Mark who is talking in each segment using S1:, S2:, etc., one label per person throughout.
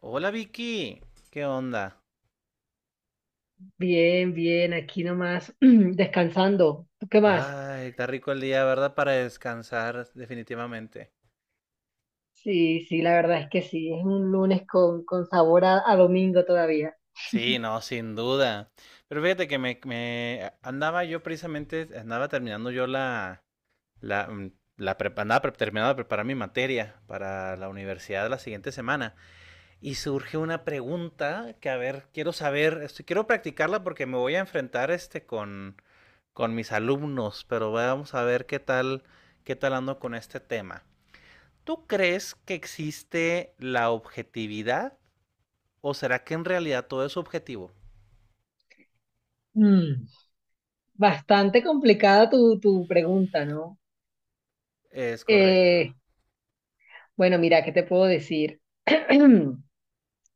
S1: Hola Vicky, ¿qué onda?
S2: Bien, bien, aquí nomás descansando. ¿Tú qué más?
S1: Ay, está rico el día, ¿verdad? Para descansar, definitivamente.
S2: Sí, sí, la verdad es que sí, es un lunes con sabor a domingo todavía.
S1: Sí, no, sin duda. Pero fíjate que andaba yo precisamente, andaba terminando yo la, la, mm, la prep- andaba pre- terminando de preparar mi materia para la universidad la siguiente semana. Y surge una pregunta que, a ver, quiero saber, quiero practicarla porque me voy a enfrentar con mis alumnos, pero vamos a ver qué tal ando con este tema. ¿Tú crees que existe la objetividad o será que en realidad todo es objetivo?
S2: Mm, bastante complicada tu pregunta, ¿no?
S1: Es correcto.
S2: Eh, bueno, mira, ¿qué te puedo decir?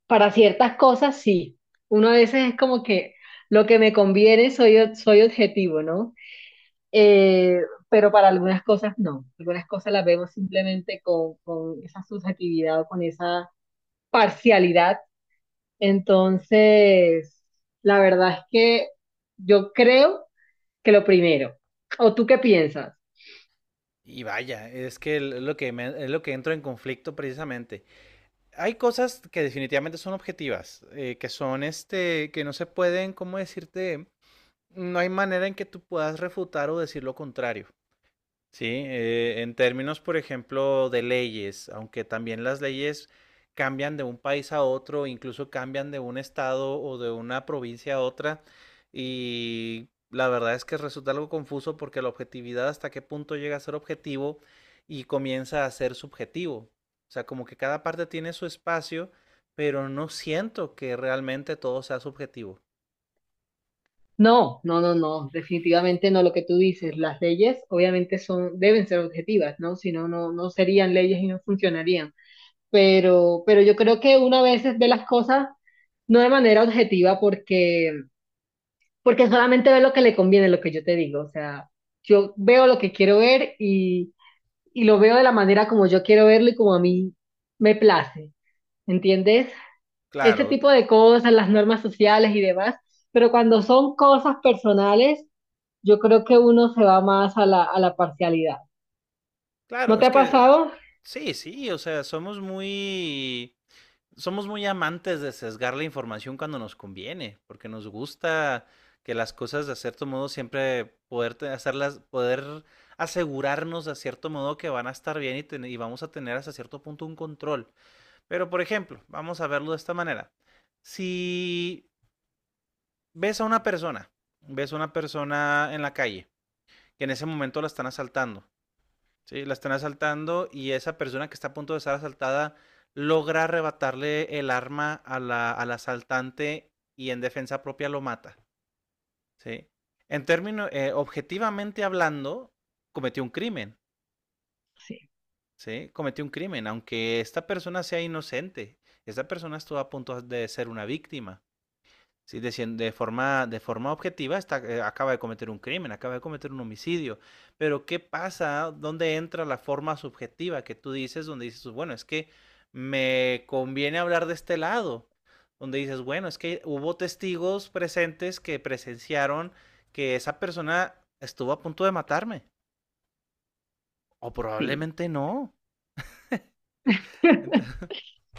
S2: Para ciertas cosas, sí. Uno a veces es como que lo que me conviene soy objetivo, ¿no? Eh, pero para algunas cosas no. Algunas cosas las vemos simplemente con esa subjetividad o con esa parcialidad. Entonces, la verdad es que yo creo que lo primero. ¿O tú qué piensas?
S1: Y vaya, es que es lo que entro en conflicto precisamente. Hay cosas que definitivamente son objetivas, que son este, que no se pueden, ¿cómo decirte? No hay manera en que tú puedas refutar o decir lo contrario. Sí, en términos, por ejemplo, de leyes, aunque también las leyes cambian de un país a otro, incluso cambian de un estado o de una provincia a otra, y la verdad es que resulta algo confuso porque la objetividad hasta qué punto llega a ser objetivo y comienza a ser subjetivo. O sea, como que cada parte tiene su espacio, pero no siento que realmente todo sea subjetivo.
S2: No, no, no, no, definitivamente no lo que tú dices. Las leyes obviamente son, deben ser objetivas, ¿no? Si no, no, no serían leyes y no funcionarían. Pero yo creo que una vez ve las cosas no de manera objetiva porque solamente ve lo que le conviene, lo que yo te digo. O sea, yo veo lo que quiero ver y lo veo de la manera como yo quiero verlo y como a mí me place, ¿entiendes? Ese
S1: Claro,
S2: tipo de cosas, las normas sociales y demás, pero cuando son cosas personales, yo creo que uno se va más a a la parcialidad. ¿No
S1: claro,
S2: te
S1: es
S2: ha
S1: que
S2: pasado?
S1: sí, sí, o sea, somos muy amantes de sesgar la información cuando nos conviene, porque nos gusta que las cosas de cierto modo siempre poder hacerlas, poder asegurarnos de cierto modo que van a estar bien y, y vamos a tener hasta cierto punto un control. Pero por ejemplo, vamos a verlo de esta manera. Si ves a una persona, ves a una persona en la calle, que en ese momento la están asaltando. Sí, la están asaltando y esa persona que está a punto de ser asaltada logra arrebatarle el arma a al asaltante y en defensa propia lo mata. ¿Sí? En términos, objetivamente hablando, cometió un crimen.
S2: Sí,
S1: ¿Sí? Cometió un crimen, aunque esta persona sea inocente. Esta persona estuvo a punto de ser una víctima. Sí, de forma objetiva está, acaba de cometer un crimen, acaba de cometer un homicidio. Pero ¿qué pasa? ¿Dónde entra la forma subjetiva que tú dices? Donde dices, bueno, es que me conviene hablar de este lado. Donde dices, bueno, es que hubo testigos presentes que presenciaron que esa persona estuvo a punto de matarme. O
S2: sí.
S1: probablemente no. Ent-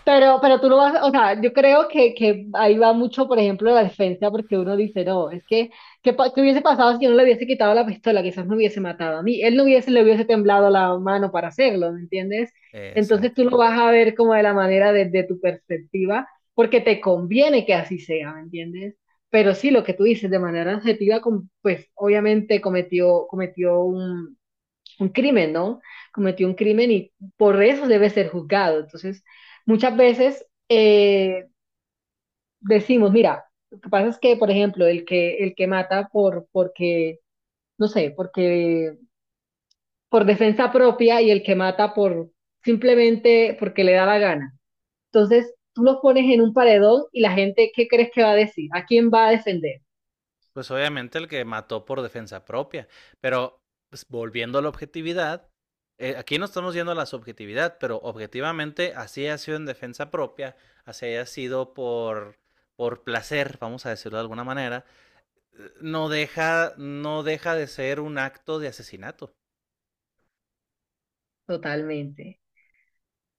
S2: Pero tú lo vas, o sea, yo creo que ahí va mucho, por ejemplo, la defensa, porque uno dice, no, es que, ¿qué, qué hubiese pasado si yo no le hubiese quitado la pistola? Quizás me hubiese matado a mí, él no hubiese, le hubiese temblado la mano para hacerlo, ¿me entiendes? Entonces tú lo
S1: Exacto.
S2: vas a ver como de la manera desde tu perspectiva, porque te conviene que así sea, ¿me entiendes? Pero sí, lo que tú dices, de manera objetiva, pues obviamente cometió un crimen, ¿no? Cometió un crimen y por eso debe ser juzgado. Entonces, muchas veces decimos, mira, lo que pasa es que, por ejemplo, el que mata porque, no sé, porque por defensa propia y el que mata por simplemente porque le da la gana. Entonces, tú los pones en un paredón y la gente, ¿qué crees que va a decir? ¿A quién va a defender?
S1: Pues obviamente el que mató por defensa propia. Pero pues, volviendo a la objetividad, aquí no estamos yendo a la subjetividad, pero objetivamente así ha sido en defensa propia, así ha sido por placer, vamos a decirlo de alguna manera, no deja de ser un acto de asesinato.
S2: Totalmente,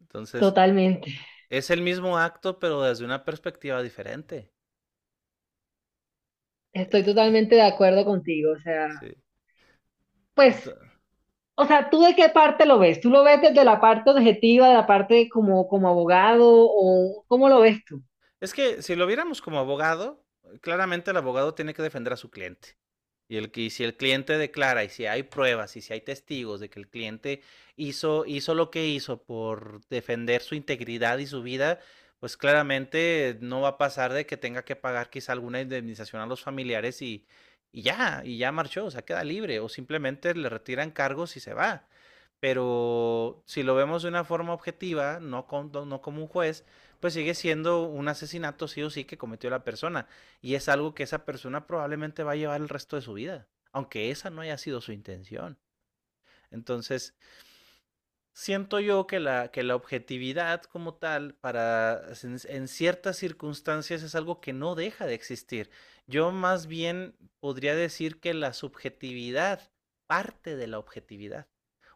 S1: Entonces,
S2: totalmente.
S1: es el mismo acto, pero desde una perspectiva diferente.
S2: Estoy totalmente de acuerdo contigo. O sea,
S1: Sí.
S2: pues,
S1: Entonces,
S2: o sea, ¿tú de qué parte lo ves? ¿Tú lo ves desde la parte objetiva, de la parte como, como abogado o cómo lo ves tú?
S1: es que si lo viéramos como abogado, claramente el abogado tiene que defender a su cliente. Y, y si el cliente declara y si hay pruebas y si hay testigos de que el cliente hizo lo que hizo por defender su integridad y su vida, pues claramente no va a pasar de que tenga que pagar quizá alguna indemnización a los familiares y ya marchó, o sea, queda libre o simplemente le retiran cargos y se va. Pero si lo vemos de una forma objetiva, no, no como un juez, pues sigue siendo un asesinato sí o sí que cometió la persona. Y es algo que esa persona probablemente va a llevar el resto de su vida, aunque esa no haya sido su intención. Entonces, siento yo que que la objetividad como tal, para en ciertas circunstancias, es algo que no deja de existir. Yo más bien podría decir que la subjetividad parte de la objetividad.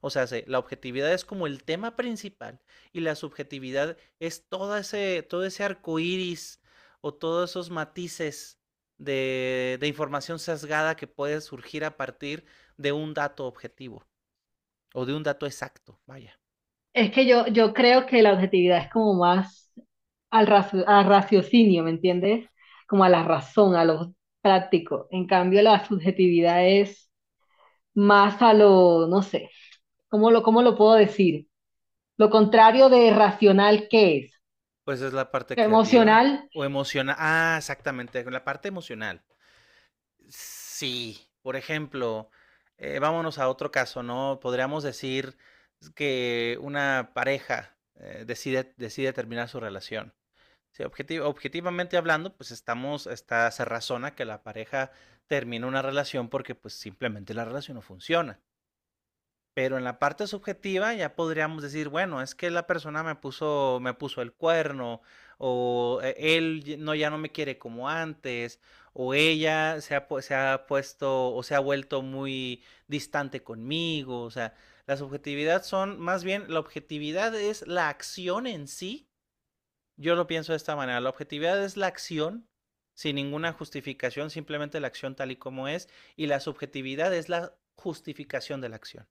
S1: O sea, la objetividad es como el tema principal y la subjetividad es todo ese arco iris o todos esos matices de información sesgada que puede surgir a partir de un dato objetivo o de un dato exacto. Vaya.
S2: Es que yo creo que la objetividad es como más al, al raciocinio, ¿me entiendes? Como a la razón, a lo práctico. En cambio, la subjetividad es más a lo, no sé, cómo lo puedo decir? Lo contrario de racional, ¿qué es?
S1: Pues es la parte creativa.
S2: Emocional.
S1: O emocional. Ah, exactamente, la parte emocional. Sí, por ejemplo, vámonos a otro caso, ¿no? Podríamos decir que una pareja decide terminar su relación. Sí, objetivamente hablando, pues estamos, está, se razona que la pareja termina una relación porque pues simplemente la relación no funciona. Pero en la parte subjetiva ya podríamos decir, bueno, es que la persona me puso el cuerno, o no, ya no me quiere como antes, o ella se ha puesto o se ha vuelto muy distante conmigo. O sea, la subjetividad son, más bien, la objetividad es la acción en sí. Yo lo pienso de esta manera. La objetividad es la acción sin ninguna justificación, simplemente la acción tal y como es, y la subjetividad es la justificación de la acción.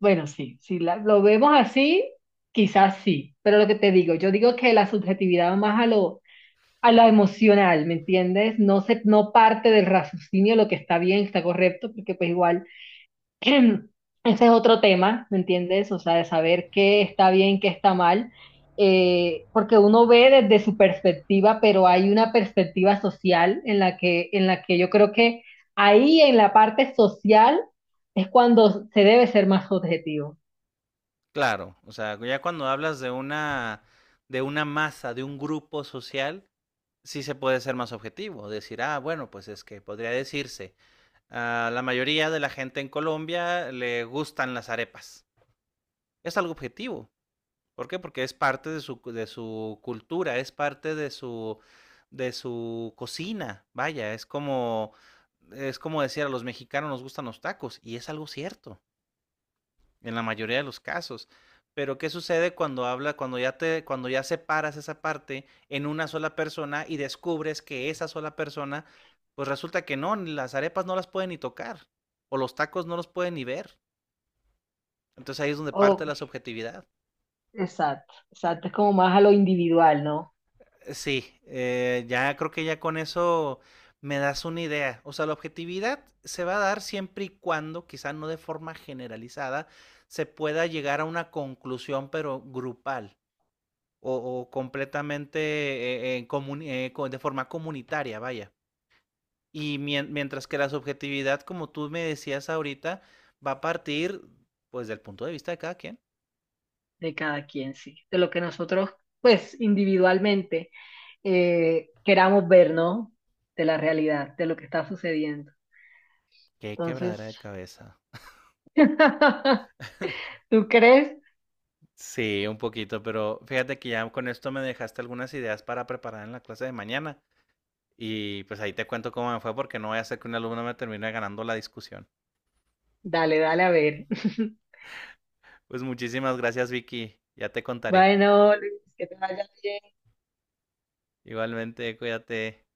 S2: Bueno, sí, si lo vemos así, quizás sí, pero lo que te digo, yo digo que la subjetividad va más a lo emocional, ¿me entiendes? No se, no parte del raciocinio lo que está bien, está correcto, porque pues igual ese es otro tema, ¿me entiendes? O sea, de saber qué está bien, qué está mal, porque uno ve desde su perspectiva, pero hay una perspectiva social en la que yo creo que ahí en la parte social es cuando se debe ser más objetivo.
S1: Claro, o sea, ya cuando hablas de de una masa, de un grupo social, sí se puede ser más objetivo, decir, ah, bueno, pues es que podría decirse, a la mayoría de la gente en Colombia le gustan las arepas. Es algo objetivo. ¿Por qué? Porque es parte de de su cultura, es parte de de su cocina. Vaya, es como decir a los mexicanos nos gustan los tacos, y es algo cierto en la mayoría de los casos. Pero ¿qué sucede cuando cuando ya separas esa parte en una sola persona y descubres que esa sola persona, pues resulta que no, ni las arepas no las pueden ni tocar, o los tacos no los pueden ni ver. Entonces ahí es donde parte
S2: Oh,
S1: la subjetividad.
S2: exacto, exacto. Es como más a lo individual, ¿no?
S1: Sí, ya creo que ya con eso me das una idea. O sea, la objetividad se va a dar siempre y cuando, quizá no de forma generalizada, se pueda llegar a una conclusión, pero grupal. O completamente de forma comunitaria, vaya. Y mientras que la subjetividad, como tú me decías ahorita, va a partir pues del punto de vista de cada quien.
S2: De cada quien, sí. De lo que nosotros, pues, individualmente queramos ver, ¿no? De la realidad, de lo que está sucediendo.
S1: Qué quebradera de
S2: Entonces,
S1: cabeza.
S2: ¿tú crees?
S1: Sí, un poquito, pero fíjate que ya con esto me dejaste algunas ideas para preparar en la clase de mañana. Y pues ahí te cuento cómo me fue porque no voy a hacer que un alumno me termine ganando la discusión.
S2: Dale, dale, a ver.
S1: Pues muchísimas gracias, Vicky. Ya te contaré.
S2: Bueno, Luis, que te vaya bien.
S1: Igualmente, cuídate.